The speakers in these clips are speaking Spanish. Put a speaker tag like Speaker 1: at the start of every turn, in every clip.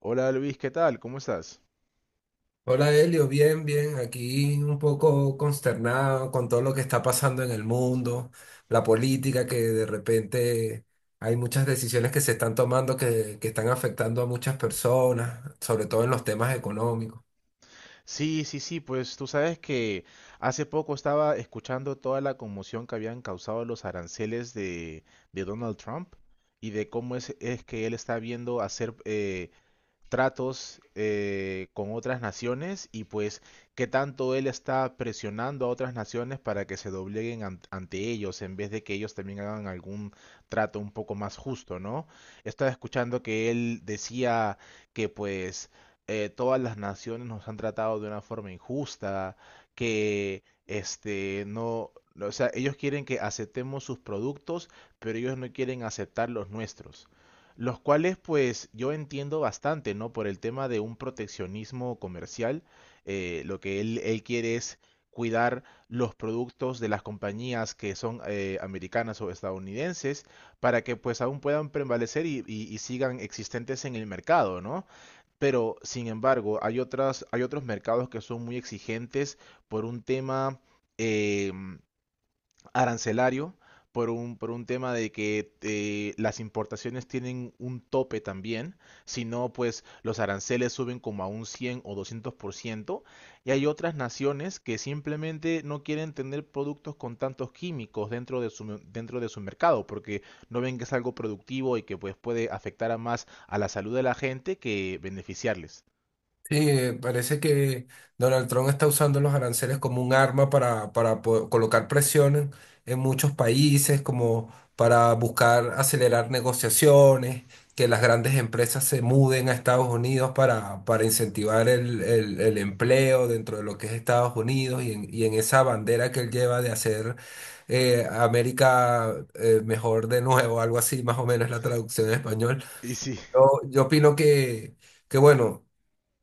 Speaker 1: Hola Luis, ¿qué tal? ¿Cómo estás?
Speaker 2: Hola Elio, bien, bien, aquí un poco consternado con todo lo que está pasando en el mundo, la política que de repente hay muchas decisiones que se están tomando que están afectando a muchas personas, sobre todo en los temas económicos.
Speaker 1: Sí, sí, sí, pues tú sabes que hace poco estaba escuchando toda la conmoción que habían causado los aranceles de Donald Trump y de cómo es que él está viendo hacer tratos con otras naciones y pues qué tanto él está presionando a otras naciones para que se dobleguen ante ellos en vez de que ellos también hagan algún trato un poco más justo, ¿no? Estaba escuchando que él decía que pues todas las naciones nos han tratado de una forma injusta, que este no, o sea, ellos quieren que aceptemos sus productos, pero ellos no quieren aceptar los nuestros los cuales pues yo entiendo bastante, ¿no? Por el tema de un proteccionismo comercial, lo que él quiere es cuidar los productos de las compañías que son americanas o estadounidenses para que pues aún puedan prevalecer y sigan existentes en el mercado, ¿no? Pero sin embargo, hay otros mercados que son muy exigentes por un tema, eh, arancelario por un tema de que las importaciones tienen un tope también, si no, pues los aranceles suben como a un 100 o 200% y hay otras naciones que simplemente no quieren tener productos con tantos químicos dentro de su mercado, porque no ven que es algo productivo y que pues puede afectar a más a la salud de la gente que beneficiarles.
Speaker 2: Sí, parece que Donald Trump está usando los aranceles como un arma para colocar presión en muchos países, como para buscar acelerar negociaciones, que las grandes empresas se muden a Estados Unidos para incentivar el el- empleo dentro de lo que es Estados Unidos y en esa bandera que él lleva de hacer América mejor de nuevo, algo así, más o menos es la traducción en español.
Speaker 1: Y sí.
Speaker 2: Yo opino que bueno.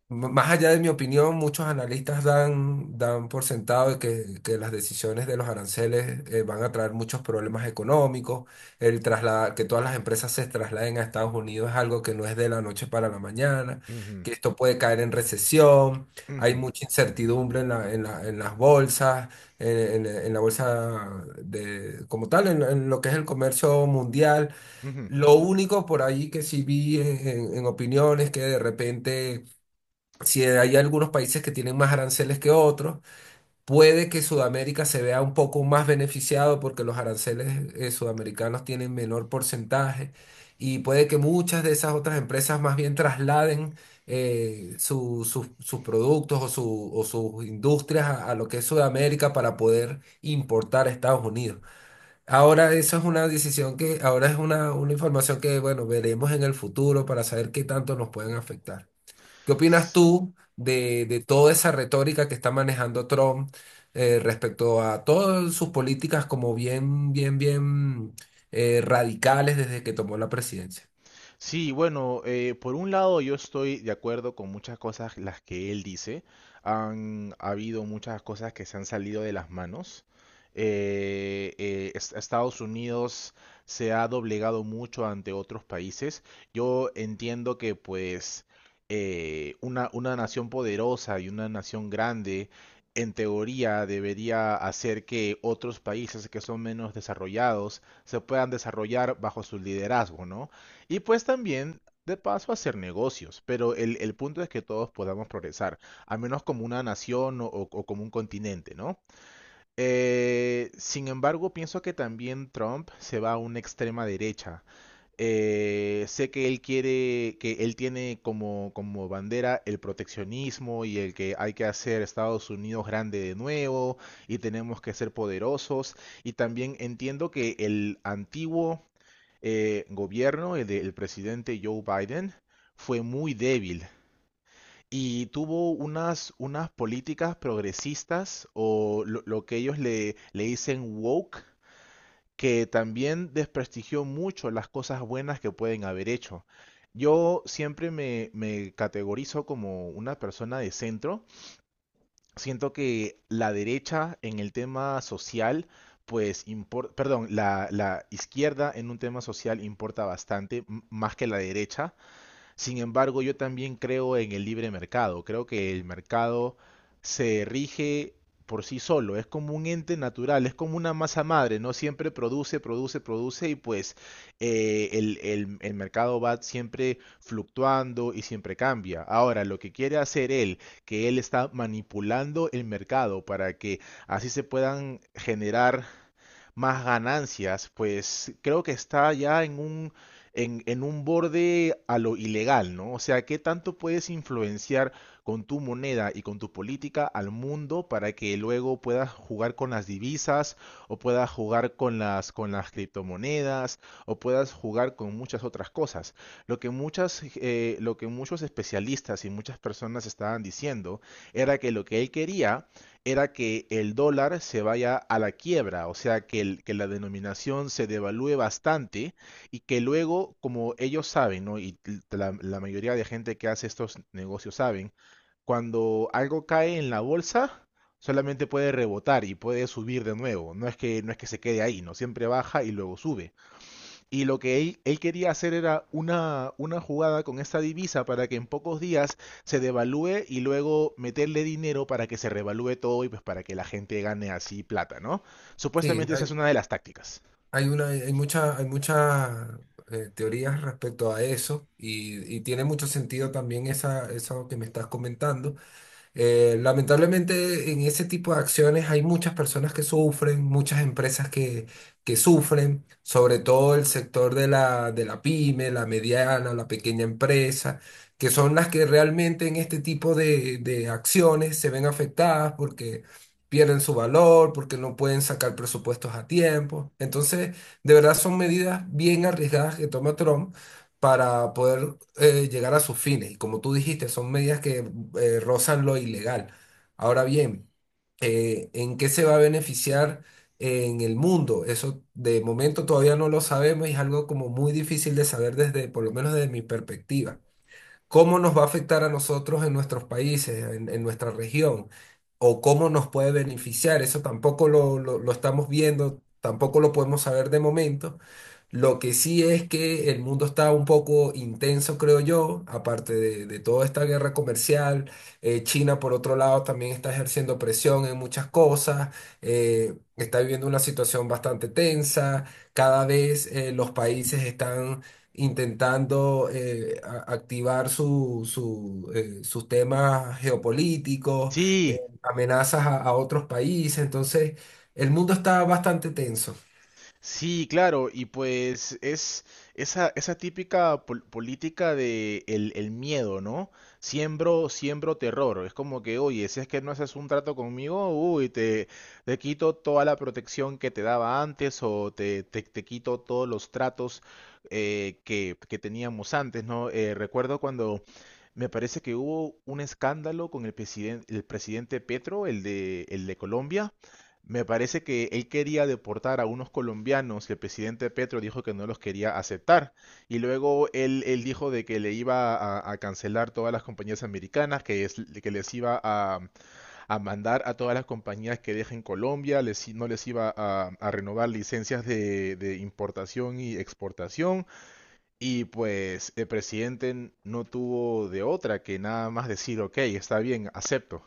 Speaker 2: Más allá de mi opinión, muchos analistas dan por sentado de que las decisiones de los aranceles van a traer muchos problemas económicos. El trasladar, que todas las empresas se trasladen a Estados Unidos es algo que no es de la noche para la mañana, que esto puede caer en recesión. Hay
Speaker 1: Ujú,
Speaker 2: mucha incertidumbre en en las bolsas, en en la bolsa de, como tal, en lo que es el comercio mundial.
Speaker 1: ujú,
Speaker 2: Lo único por ahí que sí vi en en opiniones que de repente si hay algunos países que tienen más aranceles que otros, puede que Sudamérica se vea un poco más beneficiado porque los aranceles sudamericanos tienen menor porcentaje y puede que muchas de esas otras empresas más bien trasladen sus productos o sus industrias a lo que es Sudamérica para poder importar a Estados Unidos. Ahora eso es una decisión que, ahora es una información que, bueno, veremos en el futuro para saber qué tanto nos pueden afectar. ¿Qué opinas
Speaker 1: ujú.
Speaker 2: tú de toda esa retórica que está manejando Trump respecto a todas sus políticas como bien, bien, bien radicales desde que tomó la presidencia?
Speaker 1: Sí, bueno, por un lado yo estoy de acuerdo con muchas cosas las que él dice. Han habido muchas cosas que se han salido de las manos. Estados Unidos se ha doblegado mucho ante otros países. Yo entiendo que pues una nación poderosa y una nación grande en teoría debería hacer que otros países que son menos desarrollados se puedan desarrollar bajo su liderazgo, ¿no? Y pues también, de paso, hacer negocios, pero el punto es que todos podamos progresar, al menos como una nación o como un continente, ¿no? Sin embargo, pienso que también Trump se va a una extrema derecha. Sé que que él tiene como, como bandera el proteccionismo y el que hay que hacer Estados Unidos grande de nuevo y tenemos que ser poderosos. Y también entiendo que el antiguo gobierno del presidente Joe Biden fue muy débil y tuvo unas políticas progresistas o lo que ellos le dicen woke, que también desprestigió mucho las cosas buenas que pueden haber hecho. Yo siempre me categorizo como una persona de centro, siento que la derecha en el tema social, pues, perdón, la izquierda en un tema social importa bastante, más que la derecha, sin embargo, yo también creo en el libre mercado. Creo que el mercado se rige por sí solo. Es como un ente natural, es como una masa madre, ¿no? Siempre produce, produce, produce y pues el mercado va siempre fluctuando y siempre cambia. Ahora, lo que quiere hacer él, que él está manipulando el mercado para que así se puedan generar más ganancias, pues creo que está ya en un en un borde a lo ilegal, ¿no? O sea, ¿qué tanto puedes influenciar con tu moneda y con tu política al mundo para que luego puedas jugar con las divisas o puedas jugar con con las criptomonedas o puedas jugar con muchas otras cosas? Lo que muchos especialistas y muchas personas estaban diciendo era que lo que él quería era que el dólar se vaya a la quiebra, o sea, que la denominación se devalúe bastante y que luego, como ellos saben, ¿no? Y la mayoría de gente que hace estos negocios saben, cuando algo cae en la bolsa, solamente puede rebotar y puede subir de nuevo. No es que se quede ahí, ¿no? Siempre baja y luego sube. Y lo que él quería hacer era una jugada con esta divisa para que en pocos días se devalúe y luego meterle dinero para que se revalúe todo y pues para que la gente gane así plata, ¿no?
Speaker 2: Sí,
Speaker 1: Supuestamente esa es una de las tácticas.
Speaker 2: hay muchas teorías respecto a eso y tiene mucho sentido también esa, eso que me estás comentando. Lamentablemente en ese tipo de acciones hay muchas personas que sufren, muchas empresas que sufren, sobre todo el sector de de la pyme, la mediana, la pequeña empresa, que son las que realmente en este tipo de acciones se ven afectadas porque pierden su valor, porque no pueden sacar presupuestos a tiempo. Entonces, de verdad son medidas bien arriesgadas que toma Trump para poder llegar a sus fines. Y como tú dijiste, son medidas que rozan lo ilegal. Ahora bien, ¿en qué se va a beneficiar en el mundo? Eso de momento todavía no lo sabemos y es algo como muy difícil de saber desde, por lo menos desde mi perspectiva cómo nos va a afectar a nosotros en nuestros países, en nuestra región, o cómo nos puede beneficiar. Eso tampoco lo estamos viendo, tampoco lo podemos saber de momento. Lo que sí es que el mundo está un poco intenso, creo yo, aparte de toda esta guerra comercial. China, por otro lado, también está ejerciendo presión en muchas cosas, está viviendo una situación bastante tensa. Cada vez los países están intentando activar sus temas geopolíticos,
Speaker 1: Sí.
Speaker 2: amenazas a otros países. Entonces, el mundo está bastante tenso.
Speaker 1: Sí, claro, y pues es esa típica política de el miedo, ¿no? Siembro, siembro terror. Es como que, oye, si es que no haces un trato conmigo, uy, te quito toda la protección que te daba antes o te quito todos los tratos que teníamos antes, ¿no? Recuerdo cuando me parece que hubo un escándalo con el presidente Petro, el de Colombia me parece que él quería deportar a unos colombianos que el presidente Petro dijo que no los quería aceptar. Y luego él dijo de que le iba a cancelar todas las compañías americanas, que les iba a mandar a todas las compañías que dejen Colombia, no les iba a renovar licencias de importación y exportación. Y pues el presidente no tuvo de otra que nada más decir, ok, está bien, acepto.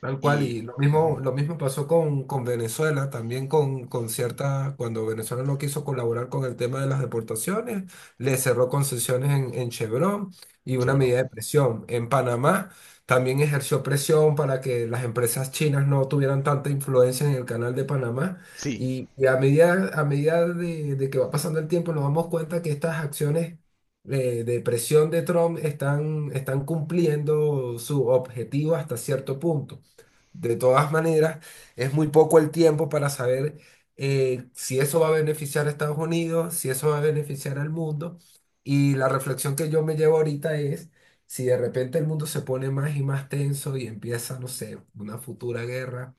Speaker 2: Tal cual,
Speaker 1: Y...
Speaker 2: y
Speaker 1: Ujú.
Speaker 2: lo mismo pasó con Venezuela, también con cierta, cuando Venezuela no quiso colaborar con el tema de las deportaciones, le cerró concesiones en Chevron y una
Speaker 1: Chevron.
Speaker 2: medida de presión. En Panamá también ejerció presión para que las empresas chinas no tuvieran tanta influencia en el canal de Panamá.
Speaker 1: Sí.
Speaker 2: A medida de que va pasando el tiempo, nos damos cuenta que estas acciones de presión de Trump están cumpliendo su objetivo hasta cierto punto. De todas maneras, es muy poco el tiempo para saber si eso va a beneficiar a Estados Unidos, si eso va a beneficiar al mundo. Y la reflexión que yo me llevo ahorita es si de repente el mundo se pone más y más tenso y empieza, no sé, una futura guerra,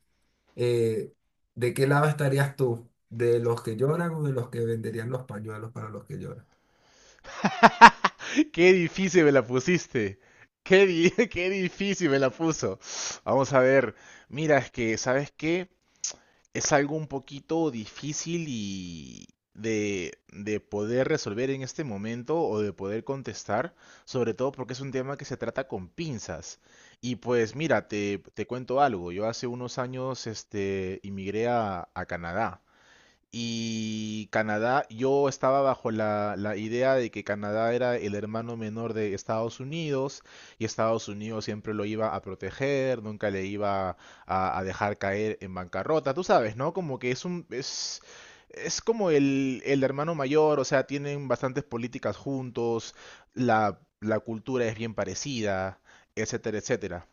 Speaker 2: eh, ¿de qué lado estarías tú? ¿De los que lloran o de los que venderían los pañuelos para los que lloran?
Speaker 1: Qué difícil me la pusiste. Qué difícil me la puso. Vamos a ver. Mira, es que, ¿sabes qué? Es algo un poquito difícil y de poder resolver en este momento o de poder contestar, sobre todo porque es un tema que se trata con pinzas. Y pues mira, te cuento algo. Yo hace unos años, este, inmigré a Canadá. Y Canadá, yo estaba bajo la idea de que Canadá era el hermano menor de Estados Unidos y Estados Unidos siempre lo iba a proteger, nunca le iba a dejar caer en bancarrota, tú sabes, ¿no? Como que es un, es como el hermano mayor, o sea, tienen bastantes políticas juntos, la cultura es bien parecida, etcétera, etcétera.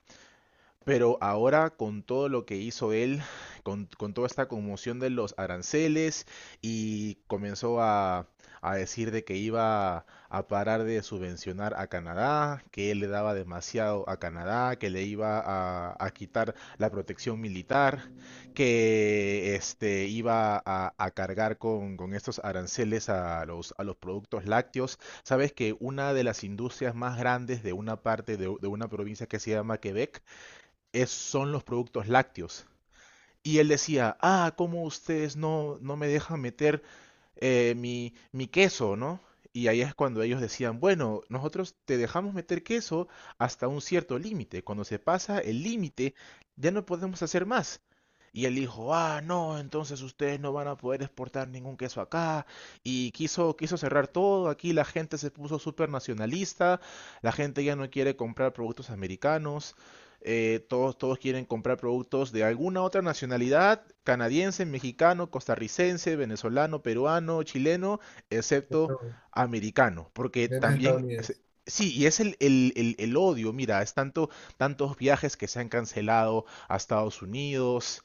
Speaker 1: Pero ahora con todo lo que hizo él, con toda esta conmoción de los aranceles y comenzó a decir de que iba a parar de subvencionar a Canadá, que él le daba demasiado a Canadá, que le iba a quitar la protección militar, que este, iba a cargar con estos aranceles a a los productos lácteos. Sabes que una de las industrias más grandes de una parte de una provincia que se llama Quebec es, son los productos lácteos. Y él decía, ah, ¿cómo ustedes no me dejan meter mi queso, ¿no? Y ahí es cuando ellos decían, bueno, nosotros te dejamos meter queso hasta un cierto límite. Cuando se pasa el límite, ya no podemos hacer más. Y él dijo, ah, no, entonces ustedes no van a poder exportar ningún queso acá. Y quiso, quiso cerrar todo. Aquí la gente se puso súper nacionalista. La gente ya no quiere comprar productos americanos todos quieren comprar productos de alguna otra nacionalidad, canadiense, mexicano, costarricense, venezolano, peruano, chileno, excepto
Speaker 2: Bueno,
Speaker 1: americano, porque
Speaker 2: menos
Speaker 1: también es-
Speaker 2: estadounidenses.
Speaker 1: Sí, y es el odio, mira, es tanto, tantos viajes que se han cancelado a Estados Unidos.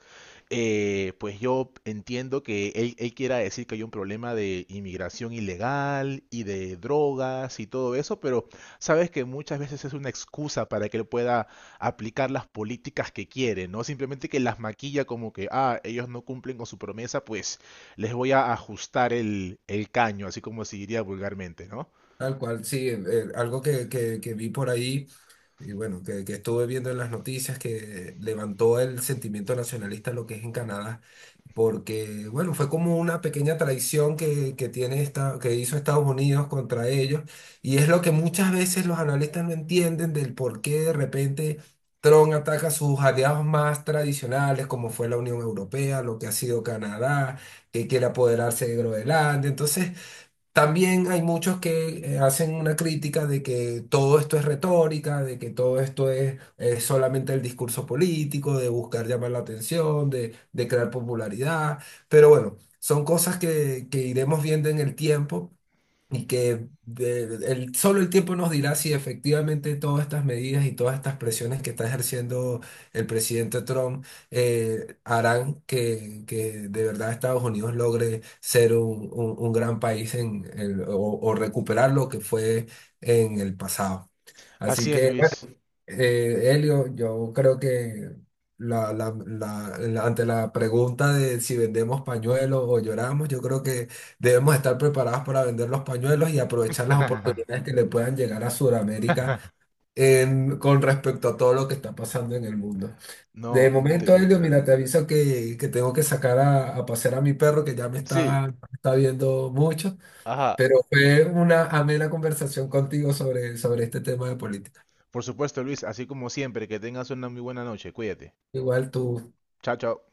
Speaker 1: Pues yo entiendo que él quiera decir que hay un problema de inmigración ilegal y de drogas y todo eso, pero sabes que muchas veces es una excusa para que él pueda aplicar las políticas que quiere, ¿no? Simplemente que las maquilla como que, ah, ellos no cumplen con su promesa, pues les voy a ajustar el caño, así como se diría vulgarmente, ¿no?
Speaker 2: Tal cual, sí, algo que vi por ahí y bueno, que estuve viendo en las noticias que levantó el sentimiento nacionalista lo que es en Canadá, porque bueno, fue como una pequeña traición que tiene esta, que hizo Estados Unidos contra ellos y es lo que muchas veces los analistas no entienden del por qué de repente Trump ataca a sus aliados más tradicionales, como fue la Unión Europea, lo que ha sido Canadá, que quiere apoderarse de Groenlandia, entonces... También hay muchos que hacen una crítica de que todo esto es retórica, de que todo esto es, solamente el discurso político, de buscar llamar la atención, de crear popularidad. Pero bueno, son cosas que iremos viendo en el tiempo. Y que de- solo el tiempo nos dirá si efectivamente todas estas medidas y todas estas presiones que está ejerciendo el presidente Trump harán que de verdad Estados Unidos logre ser un gran país en o recuperar lo que fue en el pasado. Así
Speaker 1: Así es,
Speaker 2: que
Speaker 1: Luis.
Speaker 2: Elio, yo creo que ante la pregunta de si vendemos pañuelos o lloramos, yo creo que debemos estar preparados para vender los pañuelos y aprovechar las oportunidades que le puedan llegar a Sudamérica en- con respecto a todo lo que está pasando en el mundo. De
Speaker 1: No,
Speaker 2: momento, Elio, mira, te
Speaker 1: definitivamente.
Speaker 2: aviso que tengo que sacar a pasear a mi perro que ya me
Speaker 1: Sí,
Speaker 2: está viendo mucho,
Speaker 1: ajá.
Speaker 2: pero fue una amena conversación contigo sobre este tema de política.
Speaker 1: Por supuesto, Luis, así como siempre, que tengas una muy buena noche. Cuídate.
Speaker 2: Igual tú.
Speaker 1: Chao, chao.